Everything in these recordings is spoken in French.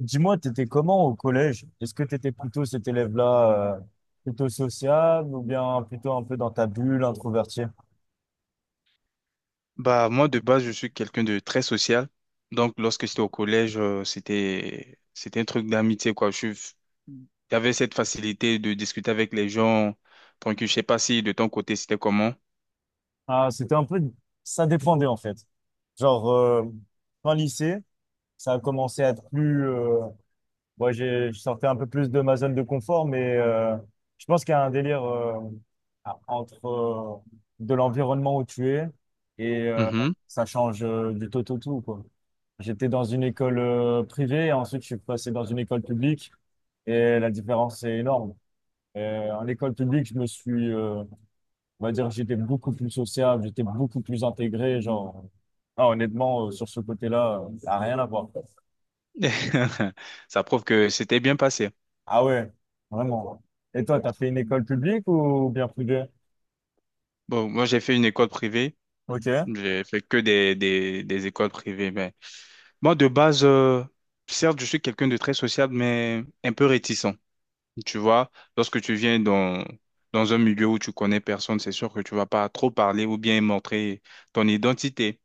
Dis-moi, t'étais comment au collège? Est-ce que t'étais plutôt cet élève-là, plutôt sociable ou bien plutôt un peu dans ta bulle, introverti? Bah, moi, de base, je suis quelqu'un de très social. Donc, lorsque j'étais au collège, c'était un truc d'amitié, quoi. J'avais cette facilité de discuter avec les gens. Donc je sais pas si de ton côté, c'était comment. Ah, c'était un peu, ça dépendait en fait. Genre, fin lycée, ça a commencé à être plus, moi, je sortais un peu plus de ma zone de confort, mais je pense qu'il y a un délire entre de l'environnement où tu es et Mhm. ça change du tout au tout, quoi. J'étais dans une école privée, et ensuite je suis passé dans une école publique et la différence est énorme. En école publique, on va dire, j'étais beaucoup plus sociable, j'étais beaucoup plus intégré, genre, ah, honnêtement, sur ce côté-là, ça n'a rien à voir. Ça prouve que c'était bien passé. Ah ouais, vraiment. Et toi, t'as fait une école publique ou bien privée? Bon, moi, j'ai fait une école privée. Ok. J'ai fait que des écoles privées. Mais moi, de base, certes, je suis quelqu'un de très sociable, mais un peu réticent. Tu vois, lorsque tu viens dans un milieu où tu connais personne, c'est sûr que tu vas pas trop parler ou bien montrer ton identité.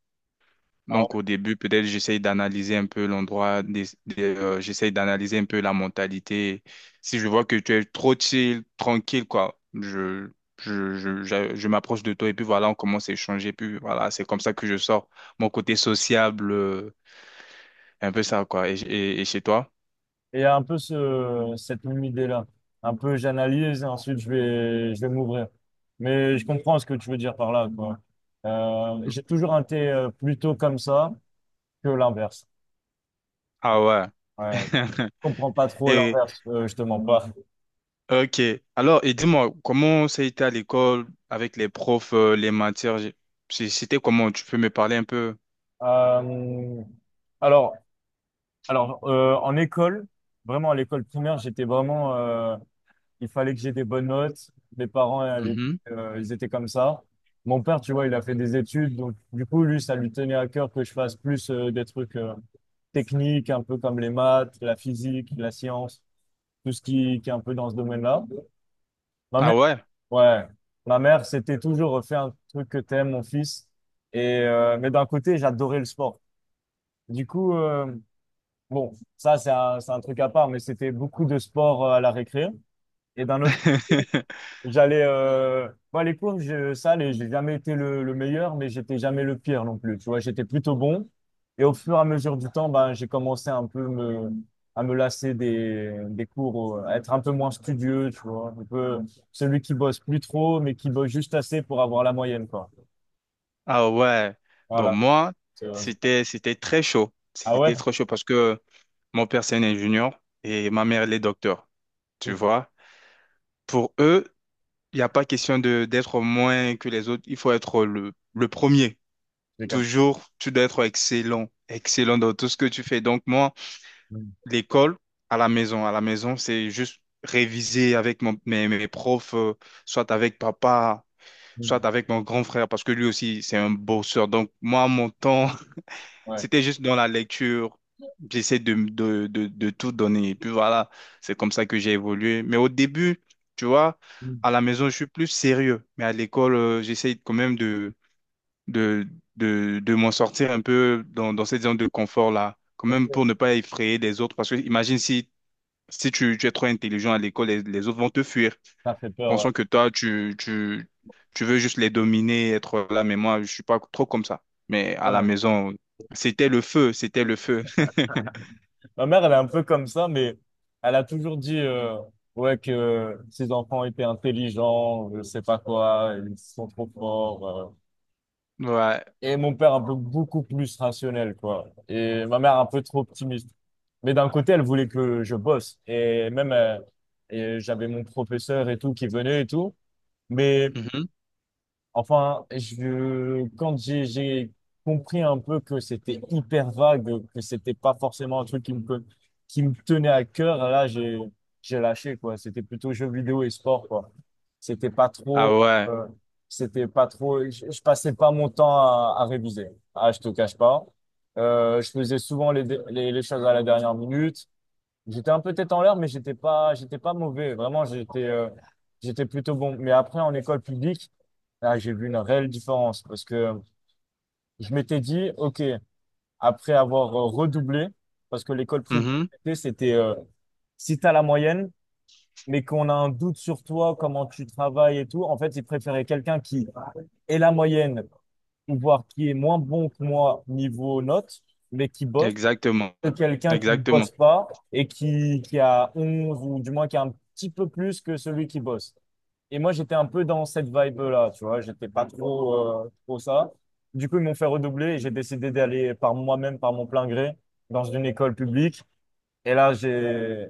Ah Donc ouais. au début, peut-être j'essaye d'analyser un peu l'endroit, j'essaye d'analyser un peu la mentalité. Si je vois que tu es trop chill, tranquille, quoi, je m'approche de toi et puis voilà, on commence à échanger. Puis voilà, c'est comme ça que je sors mon côté sociable, un peu ça, quoi. Et chez toi? Et un peu cette même idée-là. Un peu, j'analyse et ensuite je vais m'ouvrir. Mais je comprends ce que tu veux dire par là, quoi. J'ai toujours été plutôt comme ça que l'inverse. Ah ouais. Ouais. Je comprends pas trop Et l'inverse, je te mens pas. Ok. Alors, et dis-moi, comment ça a été à l'école avec les profs, les matières? C'était comment? Tu peux me parler un peu? Euh, alors, en école, vraiment à l'école primaire, j'étais vraiment, il fallait que j'ai des bonnes notes. Mes parents, à l'époque, Mhm. Ils étaient comme ça. Mon père, tu vois, il a fait des études. Donc, du coup, lui, ça lui tenait à cœur que je fasse plus des trucs techniques, un peu comme les maths, la physique, la science, tout ce qui est un peu dans ce domaine-là. Ma Ah mère, ouais. ouais, ma mère, c'était toujours fais un truc que t'aimes, mon fils. Mais d'un côté, j'adorais le sport. Du coup, bon, c'est un truc à part, mais c'était beaucoup de sport à la récré. Et d'un autre Bah, les cours, j'ai jamais été le meilleur, mais j'étais jamais le pire non plus. Tu vois, j'étais plutôt bon. Et au fur et à mesure du temps, bah, j'ai commencé un peu à me lasser des cours, à être un peu moins studieux, tu vois. Un peu celui qui bosse plus trop, mais qui bosse juste assez pour avoir la moyenne, quoi. Ah ouais. Bon, Voilà. moi, C'est- c'était très chaud. Ah ouais? C'était trop chaud parce que mon père, c'est un ingénieur et ma mère, elle est docteur. Tu Ouf, vois? Pour eux, il n'y a pas question de d'être moins que les autres. Il faut être le premier. j'ai cap- Toujours, tu dois être excellent. Excellent dans tout ce que tu fais. Donc, moi, mm, l'école à la maison. À la maison, c'est juste réviser avec mes profs, soit avec papa, mm, soit avec mon grand frère, parce que lui aussi, c'est un bosseur. Donc, moi, mon temps, ouais. c'était juste dans la lecture. J'essaie de tout donner. Et puis voilà, c'est comme ça que j'ai évolué. Mais au début, tu vois, Mm, à la maison, je suis plus sérieux. Mais à l'école, j'essaie quand même de, de m'en sortir un peu dans cette zone de confort-là. Quand même ok. pour ne pas effrayer les autres. Parce que imagine si tu es trop intelligent à l'école, les autres vont te fuir, Ça fait peur, ouais. pensant que toi, tu veux juste les dominer, être là. Mais moi, je suis pas trop comme ça. Mais à la Ouais. maison, c'était le feu, c'était le feu. Ma mère, elle est un peu comme ça, mais elle a toujours dit ouais que ses enfants étaient intelligents, je sais pas quoi, ils sont trop forts. Ouais. Et mon père un peu beaucoup plus rationnel, quoi. Et ma mère un peu trop optimiste. Mais d'un côté, elle voulait que je bosse. Et même, et j'avais mon professeur et tout qui venait et tout. Mais Mhm. enfin, quand j'ai compris un peu que c'était hyper vague, que c'était pas forcément un truc qui me tenait à cœur, là, j'ai lâché, quoi. C'était plutôt jeux vidéo et sport, quoi. C'était pas Ah trop, ouais. euh, c'était pas trop, je passais pas mon temps à réviser. Ah, je te cache pas. Je faisais souvent les choses à la dernière minute. J'étais un peu tête en l'air, mais j'étais pas mauvais. Vraiment, j'étais plutôt bon. Mais après, en école publique, là, j'ai vu une réelle différence parce que je m'étais dit, OK, après avoir redoublé, parce que l'école privée, Mhm. c'était, si t'as la moyenne, mais qu'on a un doute sur toi, comment tu travailles et tout, en fait, ils préféraient quelqu'un qui ait la moyenne ou voir qui est moins bon que moi niveau notes, mais qui bosse Exactement. que quelqu'un qui ne Exactement. bosse pas et qui a 11 ou du moins qui a un petit peu plus que celui qui bosse. Et moi, j'étais un peu dans cette vibe-là, tu vois, j'étais pas trop, trop ça. Du coup, ils m'ont fait redoubler et j'ai décidé d'aller par moi-même, par mon plein gré, dans une école publique. Et là,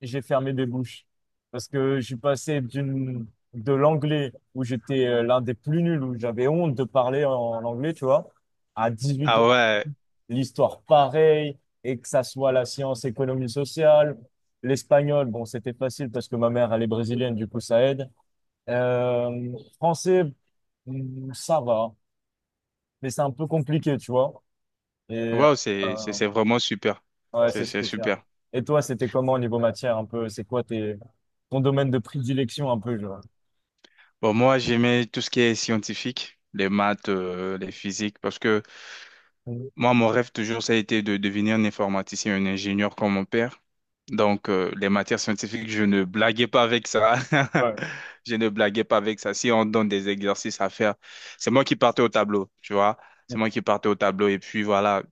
j'ai fermé des bouches parce que je suis passé de l'anglais où j'étais l'un des plus nuls, où j'avais honte de parler en anglais, tu vois, à 18, Ah ouais. l'histoire pareil, et que ça soit la science économie sociale. L'espagnol, bon, c'était facile parce que ma mère, elle est brésilienne, du coup, ça aide. Français, ça va, mais c'est un peu compliqué, tu vois. Et Wow, euh, c'est vraiment super. ouais, C'est, c'est c'est spécial. super. Et toi, c'était comment au niveau matière, un peu? C'est quoi ton domaine de prédilection, un peu, genre? Bon, moi, j'aimais tout ce qui est scientifique, les maths, les physiques, parce que moi, mon rêve toujours, ça a été de devenir un informaticien, un ingénieur comme mon père. Donc, les matières scientifiques, je ne blaguais pas avec ça. Ouais. Je ne blaguais pas avec ça. Si on donne des exercices à faire, c'est moi qui partais au tableau, tu vois. C'est moi qui partais au tableau. Et puis voilà,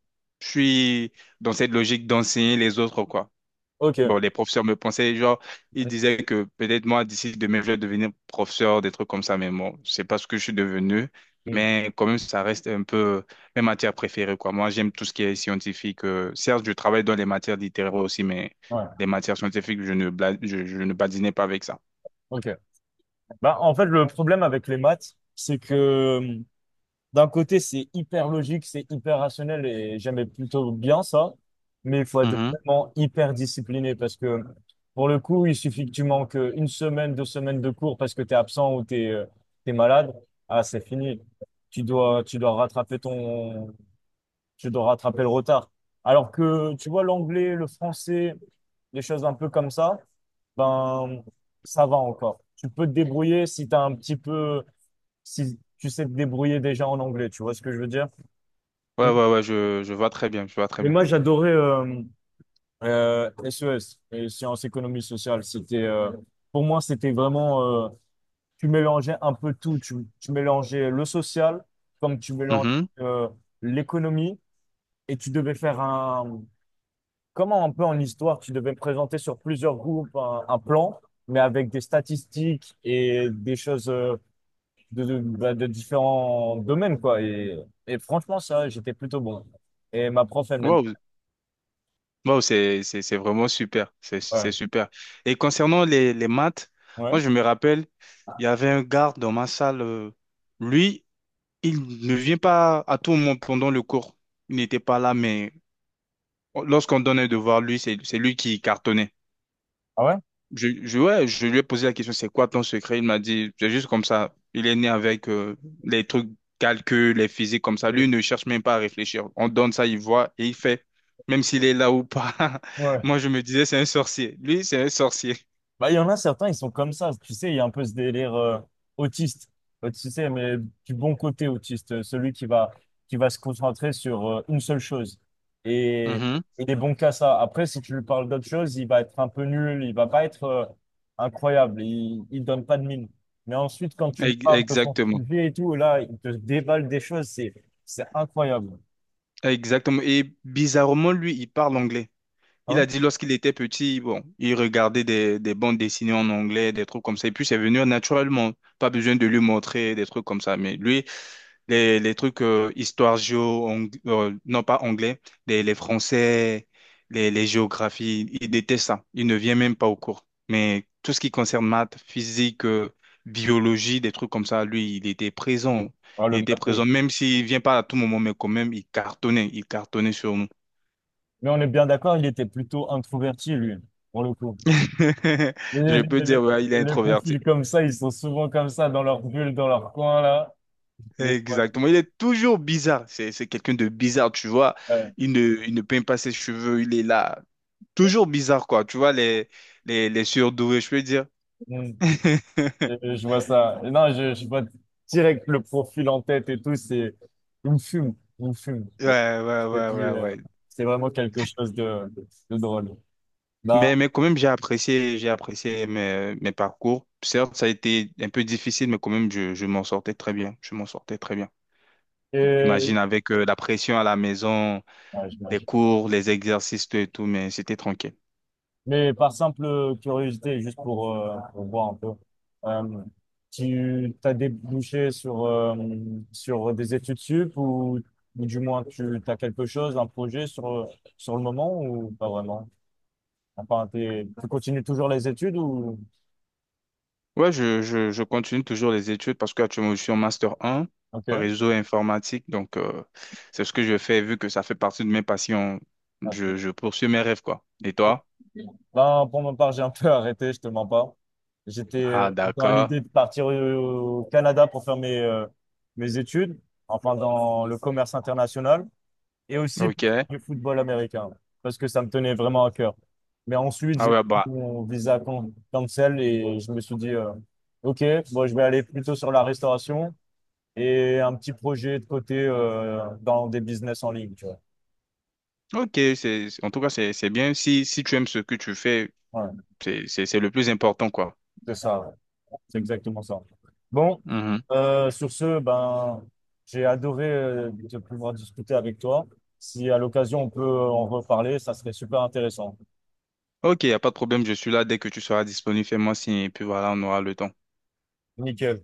je suis dans cette logique d'enseigner les autres, quoi. Ok. Bon, les professeurs me pensaient, genre, ils disaient que peut-être moi, d'ici demain, je vais devenir professeur, des trucs comme ça, mais bon, c'est pas ce que je suis devenu. Mm. Mais quand même, ça reste un peu mes matières préférées, quoi. Moi, j'aime tout ce qui est scientifique. Certes, je travaille dans les matières littéraires aussi, mais Ouais. les matières scientifiques, je ne badinais pas avec ça. Ok. Bah, en fait, le problème avec les maths, c'est que d'un côté, c'est hyper logique, c'est hyper rationnel et j'aimais plutôt bien ça. Mais il faut être Mhm. vraiment hyper discipliné parce que pour le coup, il suffit que tu manques une semaine, 2 semaines de cours parce que tu es absent ou tu es, malade. Ah, c'est fini. Tu dois, tu dois rattraper ton, tu dois rattraper le retard. Alors que tu vois l'anglais, le français, des choses un peu comme ça, ben, ça va encore. Tu peux te débrouiller si tu un petit peu, si tu sais te débrouiller déjà en anglais. Tu vois ce que je veux dire? Ouais, Mais ouais, ouais, je vois très bien, je vois très bien. moi, j'adorais SES, les sciences économie sociale. C'était, pour moi, c'était vraiment, tu mélangeais un peu tout. Tu mélangeais le social, comme tu mélanges Mhm. euh, l'économie, et tu devais faire un, comment un peu en histoire, tu devais présenter sur plusieurs groupes un plan, mais avec des statistiques et des choses bah, de différents domaines, quoi. Et franchement, ça, j'étais plutôt bon. Et ma prof, elle m'aimait. Wow, Wow, c'est vraiment super. C'est Ouais. super. Et concernant les maths, Ouais. moi, je me rappelle, il y avait un garde dans ma salle. Lui, il ne vient pas à tout moment pendant le cours. Il n'était pas là, mais lorsqu'on donnait devoir, lui, c'est lui qui cartonnait. Ah ouais? Ouais, je lui ai posé la question, c'est quoi ton secret? Il m'a dit, c'est juste comme ça. Il est né avec les trucs calculs, les physiques comme ça. Lui ne cherche même pas à réfléchir. On donne ça, il voit et il fait, même s'il est là ou pas. Ouais. Moi, je me disais, c'est un sorcier. Lui, c'est un sorcier. Bah, il y en a certains, ils sont comme ça. Tu sais, il y a un peu ce délire autiste. Tu sais, mais du bon côté autiste, qui va se concentrer sur une seule chose. Et Mhm. il est bon qu'à ça. Après, si tu lui parles d'autre chose, il va être un peu nul, il va pas être incroyable, il donne pas de mine. Mais ensuite, quand tu lui parles de son Exactement. sujet et tout, là, il te déballe des choses, c'est incroyable. Exactement. Et bizarrement, lui, il parle anglais. Ah Il ouais? a dit lorsqu'il était petit, bon, il regardait des bandes dessinées en anglais, des trucs comme ça. Et puis, c'est venu naturellement. Pas besoin de lui montrer des trucs comme ça. Mais lui, les trucs histoire géo, non pas anglais, les français, les géographies, ils détestent ça. Ils ne viennent même pas au cours. Mais tout ce qui concerne maths, physique, biologie, des trucs comme ça, lui, il était présent. Ah, le Il était matou. présent, même s'il vient pas à tout moment, mais quand même, il cartonnait sur nous. Mais on est bien d'accord, il était plutôt introverti, lui, pour le coup. Les, Je peux les- dire, les- ouais, il est les introverti. profils comme ça, ils sont souvent comme ça, dans leur bulle, dans leur coin, là. Les- Exactement. Il est toujours bizarre. C'est quelqu'un de bizarre, tu vois. ouais, Il ne, il ne peint pas ses cheveux, il est là. Toujours bizarre, quoi. Tu vois, les surdoués, je peux dire. mm, je vois ça. Et non, je vois direct le profil en tête et tout, c'est... Il me fume, il me fume. Ouais, ouais, Je ouais, te dis, ouais, ouais. c'est vraiment quelque chose de drôle. Bah, Mais quand même, j'ai apprécié mes parcours. Certes, ça a été un peu difficile, mais quand même, je m'en sortais très bien. Je m'en sortais très bien. et... Imagine avec la pression à la maison. ouais, Les j'imagine. cours, les exercices, tout et tout, mais c'était tranquille. Mais par simple curiosité, juste pour voir un peu, euh, tu t'as débouché sur des études sup ou du moins tu as quelque chose, un projet sur le moment ou pas vraiment? Enfin, tu continues toujours les études ou... Ouais, je continue toujours les études parce qu'actuellement, je suis en Master 1, Ok. réseau informatique. Donc, c'est ce que je fais vu que ça fait partie de mes passions. Ah, Je, je poursuis mes rêves, quoi. Et toi? ben, pour ma part, j'ai un peu arrêté, je te mens pas. J'étais Ah, dans d'accord. l'idée de partir au Canada pour faire mes études, enfin dans le commerce international. Et aussi pour OK. faire du football américain, parce que ça me tenait vraiment à cœur. Mais ensuite, Ah j'ai ouais, pris bah, mon visa cancel et je me suis dit, OK, bon, je vais aller plutôt sur la restauration et un petit projet de côté dans des business en ligne, tu vois. Ok, c'est, en tout cas, c'est bien. Si tu aimes ce que tu fais, Voilà, c'est le plus important, quoi. c'est ça, ouais. C'est exactement ça. Bon, Mhm. Sur ce, ben, j'ai adoré de pouvoir discuter avec toi. Si à l'occasion on peut en reparler, ça serait super intéressant. Ok, il n'y a pas de problème, je suis là dès que tu seras disponible, fais-moi signe, et puis voilà, on aura le temps. Nickel.